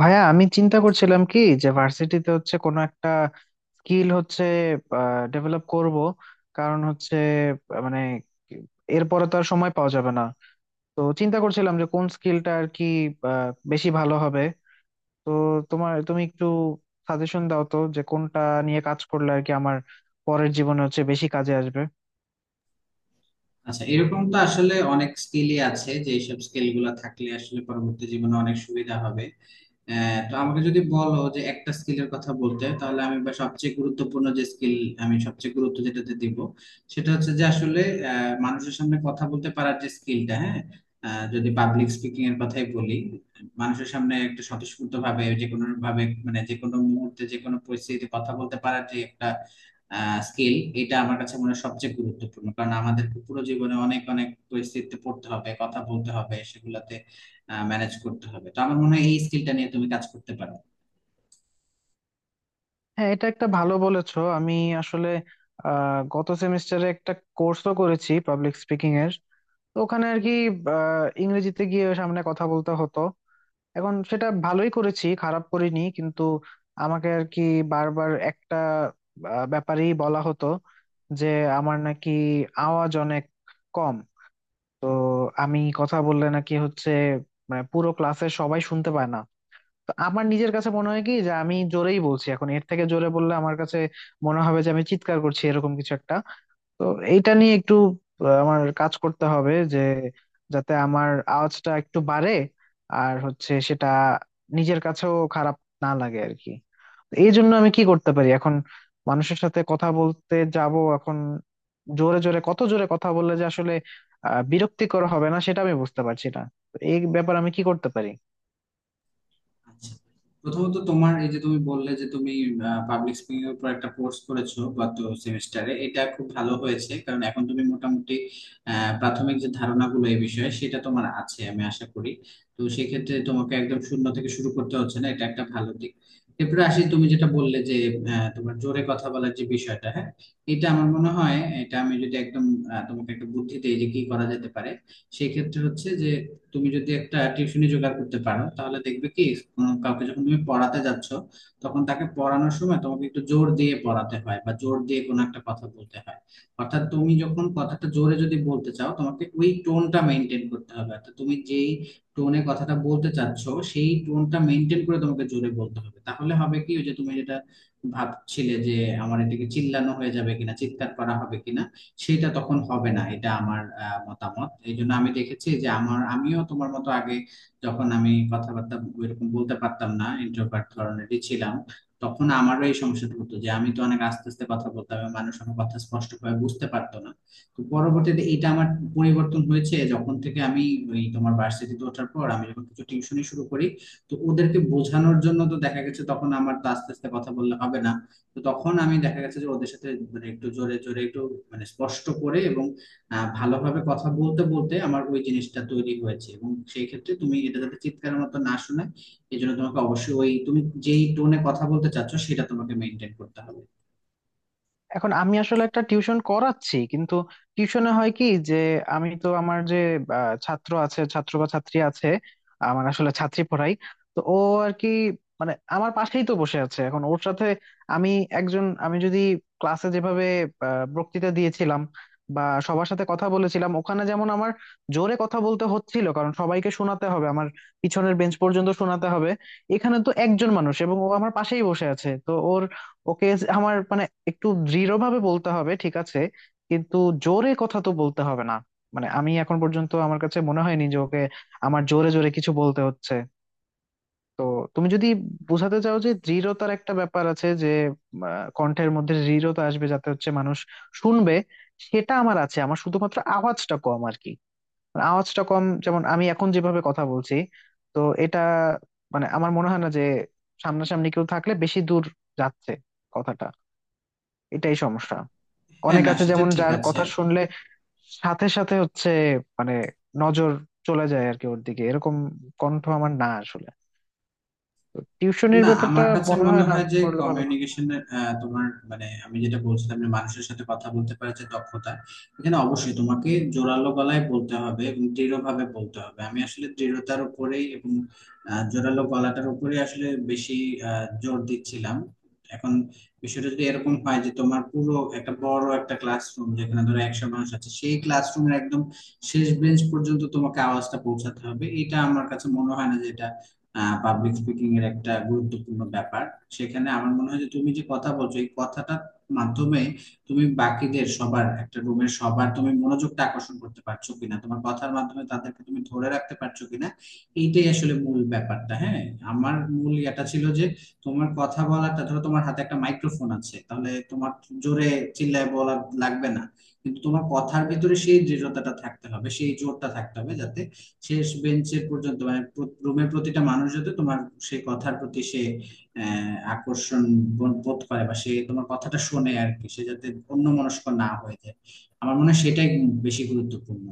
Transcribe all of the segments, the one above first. ভাইয়া আমি চিন্তা করছিলাম কি যে ভার্সিটিতে হচ্ছে কোনো একটা স্কিল হচ্ছে ডেভেলপ করব। কারণ হচ্ছে মানে এরপরে তো আর সময় পাওয়া যাবে না। তো চিন্তা করছিলাম যে কোন স্কিলটা আর কি বেশি ভালো হবে। তো তোমার তুমি একটু সাজেশন দাও তো যে কোনটা নিয়ে কাজ করলে আর কি আমার পরের জীবনে হচ্ছে বেশি কাজে আসবে। আচ্ছা, এরকম তো আসলে অনেক স্কিলই আছে যে এইসব স্কিল গুলা থাকলে আসলে পরবর্তী জীবনে অনেক সুবিধা হবে। তো আমাকে যদি বলো যে একটা স্কিলের কথা বলতে, তাহলে আমি বা সবচেয়ে গুরুত্বপূর্ণ যে স্কিল আমি সবচেয়ে গুরুত্ব যেটাতে দিব, সেটা হচ্ছে যে আসলে মানুষের সামনে কথা বলতে পারার যে স্কিলটা, হ্যাঁ। যদি পাবলিক স্পিকিং এর কথাই বলি, মানুষের সামনে একটা স্বতঃস্ফূর্ত ভাবে, যে কোনো ভাবে, মানে যে কোনো মুহূর্তে, যে কোনো পরিস্থিতিতে কথা বলতে পারার যে একটা স্কিল, এটা আমার কাছে মনে হয় সবচেয়ে গুরুত্বপূর্ণ। কারণ আমাদেরকে পুরো জীবনে অনেক অনেক পরিস্থিতিতে পড়তে হবে, কথা বলতে হবে, সেগুলাতে ম্যানেজ করতে হবে। তো আমার মনে হয় এই স্কিলটা নিয়ে তুমি কাজ করতে পারো। হ্যাঁ, এটা একটা ভালো বলেছো। আমি আসলে গত সেমিস্টারে একটা কোর্সও করেছি পাবলিক স্পিকিং এর। তো ওখানে আর কি ইংরেজিতে গিয়ে সামনে কথা বলতে হতো। এখন সেটা ভালোই করেছি, খারাপ করিনি, কিন্তু আমাকে আর কি বারবার একটা ব্যাপারেই বলা হতো, যে আমার নাকি আওয়াজ অনেক কম। তো আমি কথা বললে নাকি হচ্ছে মানে পুরো ক্লাসের সবাই শুনতে পায় না। তো আমার নিজের কাছে মনে হয় কি যে আমি জোরেই বলছি, এখন এর থেকে জোরে বললে আমার কাছে মনে হবে যে আমি চিৎকার করছি, এরকম কিছু একটা। তো এইটা নিয়ে একটু আমার কাজ করতে হবে, যে যাতে আমার আওয়াজটা একটু বাড়ে, আর হচ্ছে সেটা নিজের কাছেও খারাপ না লাগে আর কি। এই জন্য আমি কি করতে পারি? এখন মানুষের সাথে কথা বলতে যাব, এখন জোরে জোরে কত জোরে কথা বললে যে আসলে বিরক্তিকর হবে না, সেটা আমি বুঝতে পারছি না। তো এই ব্যাপারে আমি কি করতে পারি? আচ্ছা, প্রথমত তোমার এই যে তুমি বললে যে তুমি পাবলিক স্পিকিং এর উপর একটা কোর্স করেছো গত সেমিস্টারে, এটা খুব ভালো হয়েছে, কারণ এখন তুমি মোটামুটি প্রাথমিক যে ধারণাগুলো এই বিষয়ে, সেটা তোমার আছে আমি আশা করি। তো সেক্ষেত্রে তোমাকে একদম শূন্য থেকে শুরু করতে হচ্ছে না, এটা একটা ভালো দিক। এরপরে আসি, তুমি যেটা বললে যে তোমার জোরে কথা বলার যে বিষয়টা, হ্যাঁ। এটা আমার মনে হয়, এটা আমি যদি একদম তোমাকে একটা বুদ্ধি দিই যে কি করা যেতে পারে, সেক্ষেত্রে হচ্ছে যে তুমি যদি একটা টিউশনি জোগাড় করতে পারো, তাহলে দেখবে কি কাউকে যখন তুমি পড়াতে যাচ্ছ, তখন তাকে পড়ানোর সময় তোমাকে একটু জোর দিয়ে পড়াতে হয় বা জোর দিয়ে কোনো একটা কথা বলতে হয়। অর্থাৎ তুমি যখন কথাটা জোরে যদি বলতে চাও, তোমাকে ওই টোনটা মেনটেন করতে হবে। অর্থাৎ তুমি যেই টোনে কথাটা বলতে চাচ্ছ, সেই টোনটা মেনটেন করে তোমাকে জোরে বলতে হবে। তাহলে হবে কি, ওই যে তুমি যেটা ভাবছিলে যে আমার এটাকে চিল্লানো হয়ে যাবে কিনা, চিৎকার করা হবে কিনা, সেটা তখন হবে না। এটা আমার মতামত। এই জন্য আমি দেখেছি যে আমার, আমিও তোমার মতো আগে যখন আমি কথাবার্তা এরকম বলতে পারতাম না, ইন্ট্রোভার্ট ধরনেরই ছিলাম, তখন আমারও এই সমস্যাটা হতো যে আমি তো অনেক আস্তে আস্তে কথা বলতাম এবং মানুষ আমার কথা স্পষ্টভাবে বুঝতে পারতো না। তো পরবর্তীতে এটা আমার পরিবর্তন হয়েছে যখন থেকে আমি, ওই তোমার ভার্সিটিতে ওঠার পর আমি যখন কিছু টিউশনি শুরু করি, তো ওদেরকে বোঝানোর জন্য তো দেখা গেছে তখন আমার তো আস্তে আস্তে কথা বললে হবে না। তো তখন আমি দেখা গেছে যে ওদের সাথে মানে একটু জোরে জোরে, একটু মানে স্পষ্ট করে এবং ভালোভাবে কথা বলতে বলতে আমার ওই জিনিসটা তৈরি হয়েছে। এবং সেই ক্ষেত্রে তুমি এটা যাতে চিৎকারের মতো না শোনায়, এই জন্য তোমাকে অবশ্যই ওই তুমি যেই টোনে কথা বলতে চাচ্ছ, সেটা তোমাকে মেনটেন করতে হবে। এখন আমি আসলে একটা টিউশন করাচ্ছি, কিন্তু টিউশনে হয় কি, যে আমি তো আমার যে ছাত্র আছে, ছাত্র বা ছাত্রী আছে, আমার আসলে ছাত্রী পড়াই। তো ও আর কি, মানে আমার পাশেই তো বসে আছে। এখন ওর সাথে আমি, একজন, আমি যদি ক্লাসে যেভাবে বক্তৃতা দিয়েছিলাম বা সবার সাথে কথা বলেছিলাম ওখানে, যেমন আমার জোরে কথা বলতে হচ্ছিল, কারণ সবাইকে শোনাতে হবে, আমার পিছনের বেঞ্চ পর্যন্ত শোনাতে হবে। এখানে তো একজন মানুষ এবং ও আমার পাশেই বসে আছে, তো ওর, ওকে আমার মানে একটু দৃঢ়ভাবে বলতে হবে, ঠিক আছে, কিন্তু জোরে কথা তো বলতে হবে না। মানে আমি এখন পর্যন্ত আমার কাছে মনে হয়নি যে ওকে আমার জোরে জোরে কিছু বলতে হচ্ছে। তো তুমি যদি বোঝাতে চাও যে দৃঢ়তার একটা ব্যাপার আছে, যে আহ, কণ্ঠের মধ্যে দৃঢ়তা আসবে যাতে হচ্ছে মানুষ শুনবে, সেটা আমার আছে। আমার শুধুমাত্র আওয়াজটা কম আর কি। মানে আওয়াজটা কম, যেমন আমি এখন যেভাবে কথা বলছি, তো এটা মানে আমার মনে হয় না যে সামনাসামনি কেউ থাকলে বেশি দূর যাচ্ছে কথাটা, এটাই সমস্যা। হ্যাঁ, অনেক না আছে সেটা যেমন, ঠিক যার আছে। কথা শুনলে সাথে সাথে হচ্ছে মানে নজর চলে যায় আর কি ওর দিকে, এরকম কণ্ঠ আমার না আসলে। তো টিউশনের না, ব্যাপারটা আমার কাছে মনে মনে হয় না হয় যে করলে ভালো হয়। কমিউনিকেশনের, তোমার, মানে আমি যেটা বলছিলাম যে মানুষের সাথে কথা বলতে পারার যে দক্ষতা, এখানে অবশ্যই তোমাকে জোরালো গলায় বলতে হবে এবং দৃঢ়ভাবে বলতে হবে। আমি আসলে দৃঢ়তার উপরেই এবং জোরালো গলাটার উপরেই আসলে বেশি জোর দিচ্ছিলাম। এখন বিষয়টা যদি এরকম হয় যে তোমার পুরো একটা বড় একটা ক্লাসরুম, যেখানে ধরো 100 মানুষ আছে, সেই ক্লাসরুমের একদম শেষ বেঞ্চ পর্যন্ত তোমাকে আওয়াজটা পৌঁছাতে হবে, এটা আমার কাছে মনে হয় না যেটা পাবলিক স্পিকিং এর একটা গুরুত্বপূর্ণ ব্যাপার। সেখানে আমার মনে হয় যে তুমি যে কথা বলছো, এই কথাটার মাধ্যমে তুমি বাকিদের সবার, একটা রুমের সবার তুমি মনোযোগটা আকর্ষণ করতে পারছো কিনা, তোমার কথার মাধ্যমে তাদেরকে তুমি ধরে রাখতে পারছো কিনা, এইটাই আসলে মূল ব্যাপারটা। হ্যাঁ, আমার মূল এটা ছিল যে তোমার কথা বলাটা, ধরো তোমার হাতে একটা মাইক্রোফোন আছে, তাহলে তোমার জোরে চিল্লায় বলা লাগবে না, কিন্তু তোমার কথার ভিতরে সেই দৃঢ়তাটা থাকতে হবে, সেই জোরটা থাকতে হবে, যাতে শেষ বেঞ্চের পর্যন্ত মানে রুমের প্রতিটা মানুষ যাতে তোমার সেই কথার প্রতি সে আকর্ষণ বোধ বোধ করে, বা সে তোমার কথাটা শোনে আর কি, সে যাতে অন্যমনস্ক না হয়ে যায়। আমার মনে হয় সেটাই বেশি গুরুত্বপূর্ণ।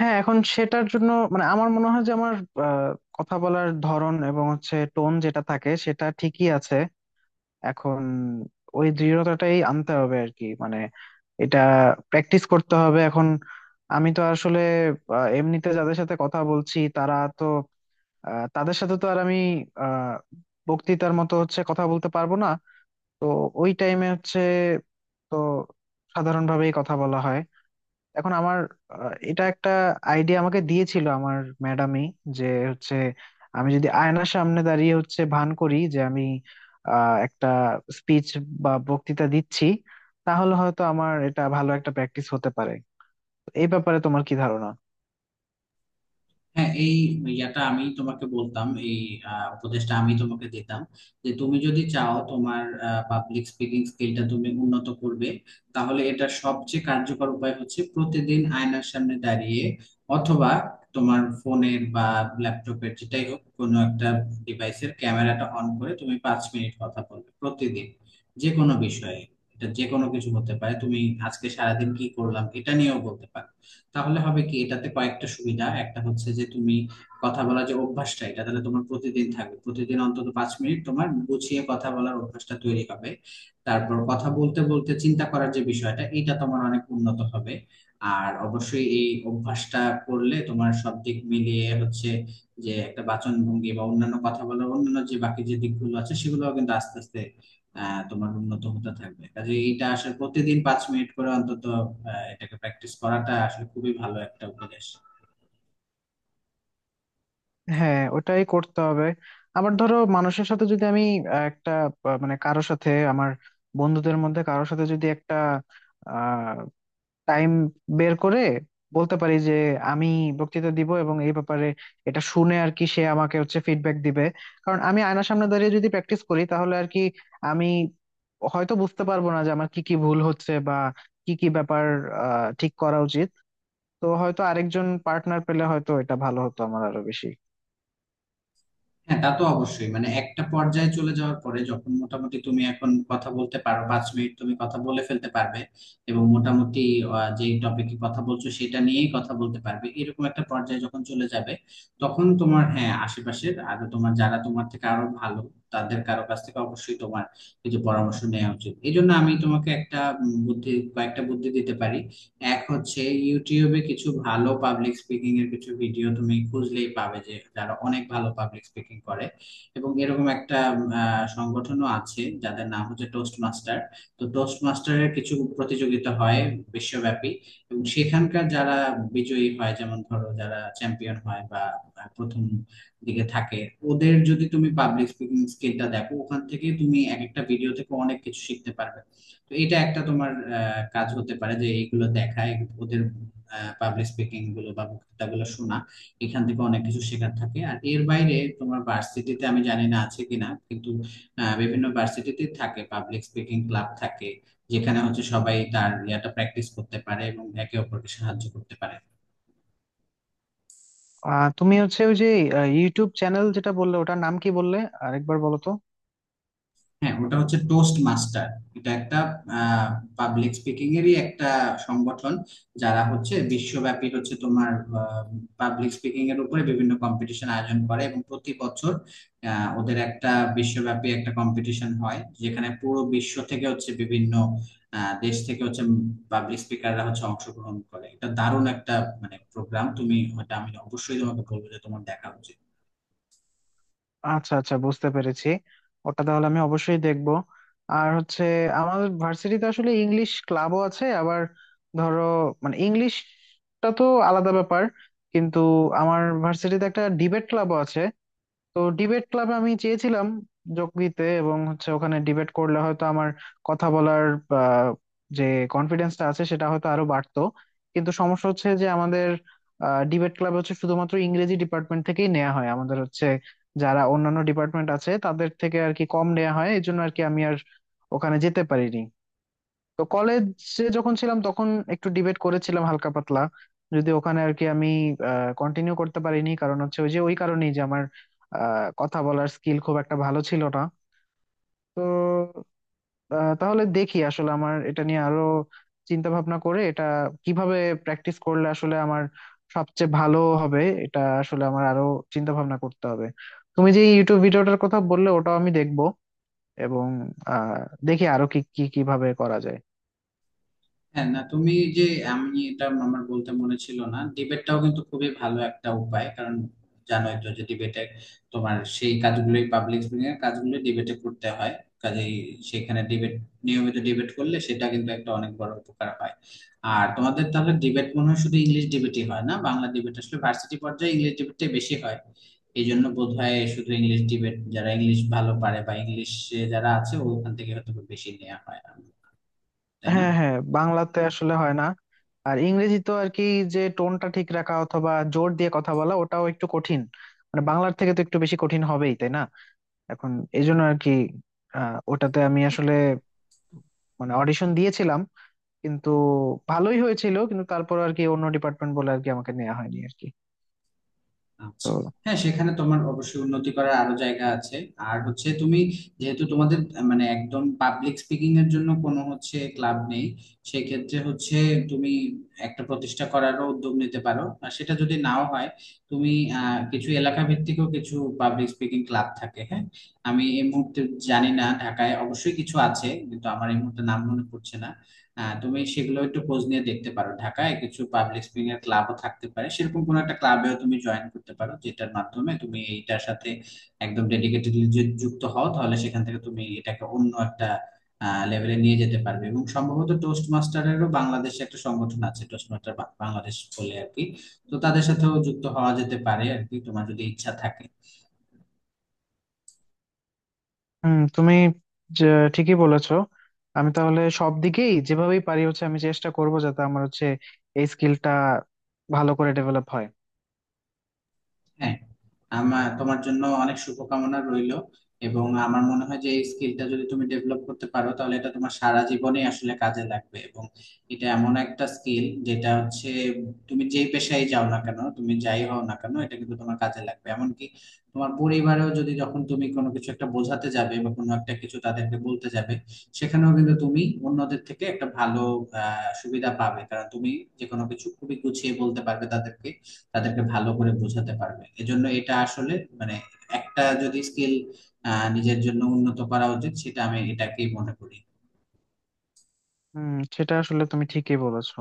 হ্যাঁ, এখন সেটার জন্য মানে আমার মনে হয় যে আমার আহ, কথা বলার ধরন এবং হচ্ছে টোন যেটা থাকে সেটা ঠিকই আছে। এখন ওই দৃঢ়তাটাই আনতে হবে আর কি, মানে এটা প্র্যাকটিস করতে হবে। এখন আমি তো আসলে এমনিতে যাদের সাথে কথা বলছি তারা তো, তাদের সাথে তো আর আমি আহ বক্তৃতার মতো হচ্ছে কথা বলতে পারবো না। তো ওই টাইমে হচ্ছে, তো সাধারণভাবেই কথা বলা হয়। এখন আমার এটা একটা আইডিয়া আমাকে দিয়েছিল আমার ম্যাডামই, যে হচ্ছে আমি যদি আয়নার সামনে দাঁড়িয়ে হচ্ছে ভান করি যে আমি একটা স্পিচ বা বক্তৃতা দিচ্ছি, তাহলে হয়তো আমার এটা ভালো একটা প্র্যাকটিস হতে পারে। এই ব্যাপারে তোমার কি ধারণা? হ্যাঁ, এই ইয়াটা আমি তোমাকে বলতাম, এই উপদেশটা আমি তোমাকে দিতাম যে তুমি যদি চাও তোমার পাবলিক স্পিকিং স্কিলটা তুমি উন্নত করবে, তাহলে এটা সবচেয়ে কার্যকর উপায় হচ্ছে প্রতিদিন আয়নার সামনে দাঁড়িয়ে অথবা তোমার ফোনের বা ল্যাপটপের, যেটাই হোক কোনো একটা ডিভাইসের ক্যামেরাটা অন করে তুমি 5 মিনিট কথা বলবে প্রতিদিন, যে কোনো বিষয়ে। এটা যে কোনো কিছু হতে পারে, তুমি আজকে সারাদিন কি করলাম এটা নিয়েও বলতে পারো। তাহলে হবে কি, এটাতে কয়েকটা সুবিধা, একটা হচ্ছে যে তুমি কথা বলার যে অভ্যাসটা, এটা তাহলে তোমার প্রতিদিন থাকবে, প্রতিদিন অন্তত 5 মিনিট তোমার গুছিয়ে কথা বলার অভ্যাসটা তৈরি হবে। তারপর কথা বলতে বলতে চিন্তা করার যে বিষয়টা, এটা তোমার অনেক উন্নত হবে। আর অবশ্যই এই অভ্যাসটা করলে তোমার সব দিক মিলিয়ে হচ্ছে যে একটা বাচন ভঙ্গি বা অন্যান্য কথা বলার অন্যান্য যে বাকি যে দিকগুলো আছে, সেগুলোও কিন্তু আস্তে আস্তে তোমার উন্নত হতে থাকবে। কাজে এটা আসলে প্রতিদিন 5 মিনিট করে অন্তত এটাকে প্র্যাকটিস করাটা আসলে খুবই ভালো একটা উপদেশ। হ্যাঁ, ওটাই করতে হবে। আবার ধরো মানুষের সাথে যদি আমি একটা মানে কারোর সাথে আমার, বন্ধুদের মধ্যে কারোর সাথে যদি একটা টাইম বের করে বলতে পারি যে আমি বক্তৃতা দিব, এবং এই ব্যাপারে এটা শুনে আর কি সে আমাকে হচ্ছে ফিডব্যাক দিবে। কারণ আমি আয়নার সামনে দাঁড়িয়ে যদি প্র্যাকটিস করি তাহলে আর কি আমি হয়তো বুঝতে পারবো না যে আমার কি কি ভুল হচ্ছে বা কি কি ব্যাপার ঠিক করা উচিত। তো হয়তো আরেকজন পার্টনার পেলে হয়তো এটা ভালো হতো আমার, আরো বেশি। হ্যাঁ, তা তো অবশ্যই, মানে একটা পর্যায়ে চলে যাওয়ার পরে যখন মোটামুটি তুমি এখন কথা বলতে পারো, 5 মিনিট তুমি কথা বলে ফেলতে পারবে এবং মোটামুটি যে টপিকে কথা বলছো সেটা নিয়েই কথা বলতে পারবে, এরকম একটা পর্যায়ে যখন চলে যাবে, তখন তোমার, হ্যাঁ, আশেপাশের আরো তোমার যারা তোমার থেকে আরো ভালো, তাদের কারো কাছ থেকে অবশ্যই তোমার কিছু পরামর্শ নেওয়া উচিত। এই জন্য আমি তোমাকে একটা বুদ্ধি, কয়েকটা বুদ্ধি দিতে পারি। এক হচ্ছে ইউটিউবে কিছু ভালো পাবলিক স্পিকিং এর কিছু ভিডিও তুমি খুঁজলেই পাবে, যে যারা অনেক ভালো পাবলিক স্পিকিং করে। এবং এরকম একটা সংগঠনও আছে যাদের নাম হচ্ছে টোস্ট মাস্টার। তো টোস্ট মাস্টারের কিছু প্রতিযোগিতা হয় বিশ্বব্যাপী, এবং সেখানকার যারা বিজয়ী হয়, যেমন ধরো যারা চ্যাম্পিয়ন হয় বা প্রথম দিকে থাকে, ওদের যদি তুমি পাবলিক স্পিকিং স্কিলটা দেখো, ওখান থেকে তুমি এক একটা ভিডিও থেকে অনেক কিছু শিখতে পারবে। তো এটা একটা তোমার কাজ হতে পারে যে এইগুলো দেখায় ওদের পাবলিক স্পিকিং গুলো বা বক্তৃতা গুলো শোনা, এখান থেকে অনেক কিছু শেখার থাকে। আর এর বাইরে তোমার ভার্সিটিতে আমি জানি না আছে কিনা, কিন্তু বিভিন্ন ভার্সিটিতে থাকে, পাবলিক স্পিকিং ক্লাব থাকে, যেখানে হচ্ছে সবাই তার ইয়াটা প্র্যাকটিস করতে পারে এবং একে অপরকে সাহায্য করতে পারে। তুমি হচ্ছে ওই যে ইউটিউব চ্যানেল যেটা বললে, ওটার নাম কি বললে? আরেকবার বলো তো। হ্যাঁ, ওটা হচ্ছে টোস্ট মাস্টার। এটা একটা পাবলিক স্পিকিং এরই একটা সংগঠন যারা হচ্ছে বিশ্বব্যাপী হচ্ছে তোমার পাবলিক স্পিকিং এর উপরে বিভিন্ন কম্পিটিশন আয়োজন করে। এবং প্রতি বছর ওদের একটা বিশ্বব্যাপী একটা কম্পিটিশন হয়, যেখানে পুরো বিশ্ব থেকে হচ্ছে বিভিন্ন দেশ থেকে হচ্ছে পাবলিক স্পিকাররা হচ্ছে অংশগ্রহণ করে। এটা দারুণ একটা মানে প্রোগ্রাম, তুমি ওটা আমি অবশ্যই তোমাকে বলবো যে তোমার দেখা উচিত। আচ্ছা আচ্ছা, বুঝতে পেরেছি, ওটা তাহলে আমি অবশ্যই দেখবো। আর হচ্ছে আমাদের ভার্সিটিতে আসলে ইংলিশ ক্লাবও আছে। আবার ধরো মানে ইংলিশটা তো আলাদা ব্যাপার, কিন্তু আমার ভার্সিটিতে একটা ডিবেট ক্লাবও আছে। তো ডিবেট ক্লাবে আমি চেয়েছিলাম যোগ দিতে, এবং হচ্ছে ওখানে ডিবেট করলে হয়তো আমার কথা বলার আহ, যে কনফিডেন্সটা আছে সেটা হয়তো আরো বাড়তো। কিন্তু সমস্যা হচ্ছে যে আমাদের ডিবেট ক্লাব হচ্ছে শুধুমাত্র ইংরেজি ডিপার্টমেন্ট থেকেই নেওয়া হয়, আমাদের হচ্ছে যারা অন্যান্য ডিপার্টমেন্ট আছে তাদের থেকে আর কি কম নেওয়া হয়, এই জন্য আর কি আমি আর ওখানে যেতে পারিনি। তো কলেজে যখন ছিলাম তখন একটু ডিবেট করেছিলাম, হালকা পাতলা, যদি ওখানে আর কি আমি কন্টিনিউ করতে পারিনি, কারণ হচ্ছে ওই যে ওই কারণেই যে আমার কথা বলার স্কিল খুব একটা ভালো ছিল না। তো তাহলে দেখি আসলে আমার এটা নিয়ে আরো চিন্তা ভাবনা করে, এটা কিভাবে প্র্যাকটিস করলে আসলে আমার সবচেয়ে ভালো হবে, এটা আসলে আমার আরো চিন্তা ভাবনা করতে হবে। তুমি যে ইউটিউব ভিডিওটার কথা বললে ওটাও আমি দেখবো, এবং আহ দেখি আরো কি কি কিভাবে করা যায়। হ্যাঁ, না তুমি যে, আমি এটা আমার বলতে মনে ছিল না, ডিবেটটাও কিন্তু খুবই ভালো একটা উপায়। কারণ জানোই তো যে ডিবেটে তোমার সেই কাজগুলোই, পাবলিক স্পিকিং এর কাজগুলো ডিবেটে করতে হয়। কাজেই সেখানে ডিবেট, নিয়মিত ডিবেট করলে সেটা কিন্তু একটা অনেক বড় উপকার হয়। আর তোমাদের তাহলে ডিবেট মনে হয় শুধু ইংলিশ ডিবেটই হয়, না বাংলা ডিবেট আসলে ভার্সিটি পর্যায়ে ইংলিশ ডিবেটটাই বেশি হয়, এই জন্য বোধহয় শুধু ইংলিশ ডিবেট যারা ইংলিশ ভালো পারে বা ইংলিশে যারা আছে, ওখান থেকে হয়তো বেশি নেওয়া হয়, তাই না? হ্যাঁ হ্যাঁ, বাংলাতে আসলে হয় না। আর ইংরেজি তো আর কি, যে টোনটা ঠিক রাখা অথবা জোর দিয়ে কথা বলা ওটাও একটু কঠিন, মানে বাংলার থেকে তো একটু বেশি কঠিন হবেই তাই না। এখন এই জন্য আর কি ওটাতে আমি আসলে মানে অডিশন দিয়েছিলাম, কিন্তু ভালোই হয়েছিল, কিন্তু তারপর আর কি অন্য ডিপার্টমেন্ট বলে আর কি আমাকে নেওয়া হয়নি আর কি। আচ্ছা। তো হ্যাঁ, সেখানে তোমার অবশ্যই উন্নতি করার আরো জায়গা আছে। আর হচ্ছে তুমি যেহেতু তোমাদের মানে একদম পাবলিক স্পিকিং এর জন্য কোনো হচ্ছে ক্লাব নেই, সেক্ষেত্রে হচ্ছে তুমি একটা প্রতিষ্ঠা করারও উদ্যোগ নিতে পারো। আর সেটা যদি নাও হয়, তুমি কিছু এলাকা ভিত্তিকও কিছু পাবলিক স্পিকিং ক্লাব থাকে, হ্যাঁ। আমি এই মুহূর্তে জানি না, ঢাকায় অবশ্যই কিছু আছে কিন্তু আমার এই মুহূর্তে নাম মনে পড়ছে না। তুমি সেগুলো একটু খোঁজ নিয়ে দেখতে পারো, ঢাকায় কিছু পাবলিক স্পিকিং এর ক্লাবও থাকতে পারে, সেরকম কোনো একটা ক্লাবেও তুমি জয়েন করতে পারো, যেটার মাধ্যমে তুমি এইটার সাথে একদম ডেডিকেটেডলি যদি যুক্ত হও, তাহলে সেখান থেকে তুমি এটাকে অন্য একটা লেভেলে নিয়ে যেতে পারবে। এবং সম্ভবত টোস্ট মাস্টারেরও বাংলাদেশে একটা সংগঠন আছে, টোস্ট মাস্টার বাংলাদেশ বলে আর কি। তো তাদের সাথেও যুক্ত হওয়া যেতে পারে আর কি, তোমার যদি ইচ্ছা থাকে। হুম, তুমি যে ঠিকই বলেছো, আমি তাহলে সব দিকেই যেভাবেই পারি হচ্ছে আমি চেষ্টা করব যাতে আমার হচ্ছে এই স্কিলটা ভালো করে ডেভেলপ হয়। হ্যাঁ, আমার তোমার জন্য অনেক শুভকামনা রইলো। এবং আমার মনে হয় যে এই স্কিলটা যদি তুমি ডেভেলপ করতে পারো, তাহলে এটা তোমার সারা জীবনে আসলে কাজে লাগবে। এবং এটা এমন একটা স্কিল যেটা হচ্ছে তুমি যেই পেশায় যাও না কেন, তুমি যাই হও না কেন, এটা কিন্তু তোমার কাজে লাগবে। এমনকি তোমার পরিবারেও যদি, যখন তুমি কোনো কিছু একটা বোঝাতে যাবে বা কোনো একটা কিছু তাদেরকে বলতে যাবে, সেখানেও কিন্তু তুমি অন্যদের থেকে একটা ভালো সুবিধা পাবে, কারণ তুমি যে কোনো কিছু খুবই গুছিয়ে বলতে পারবে তাদেরকে, তাদেরকে ভালো করে বোঝাতে পারবে। এজন্য এটা আসলে মানে একটা যদি স্কিল নিজের জন্য উন্নত করা উচিত, সেটা আমি এটাকেই মনে করি। হুম, সেটা আসলে তুমি ঠিকই বলেছো।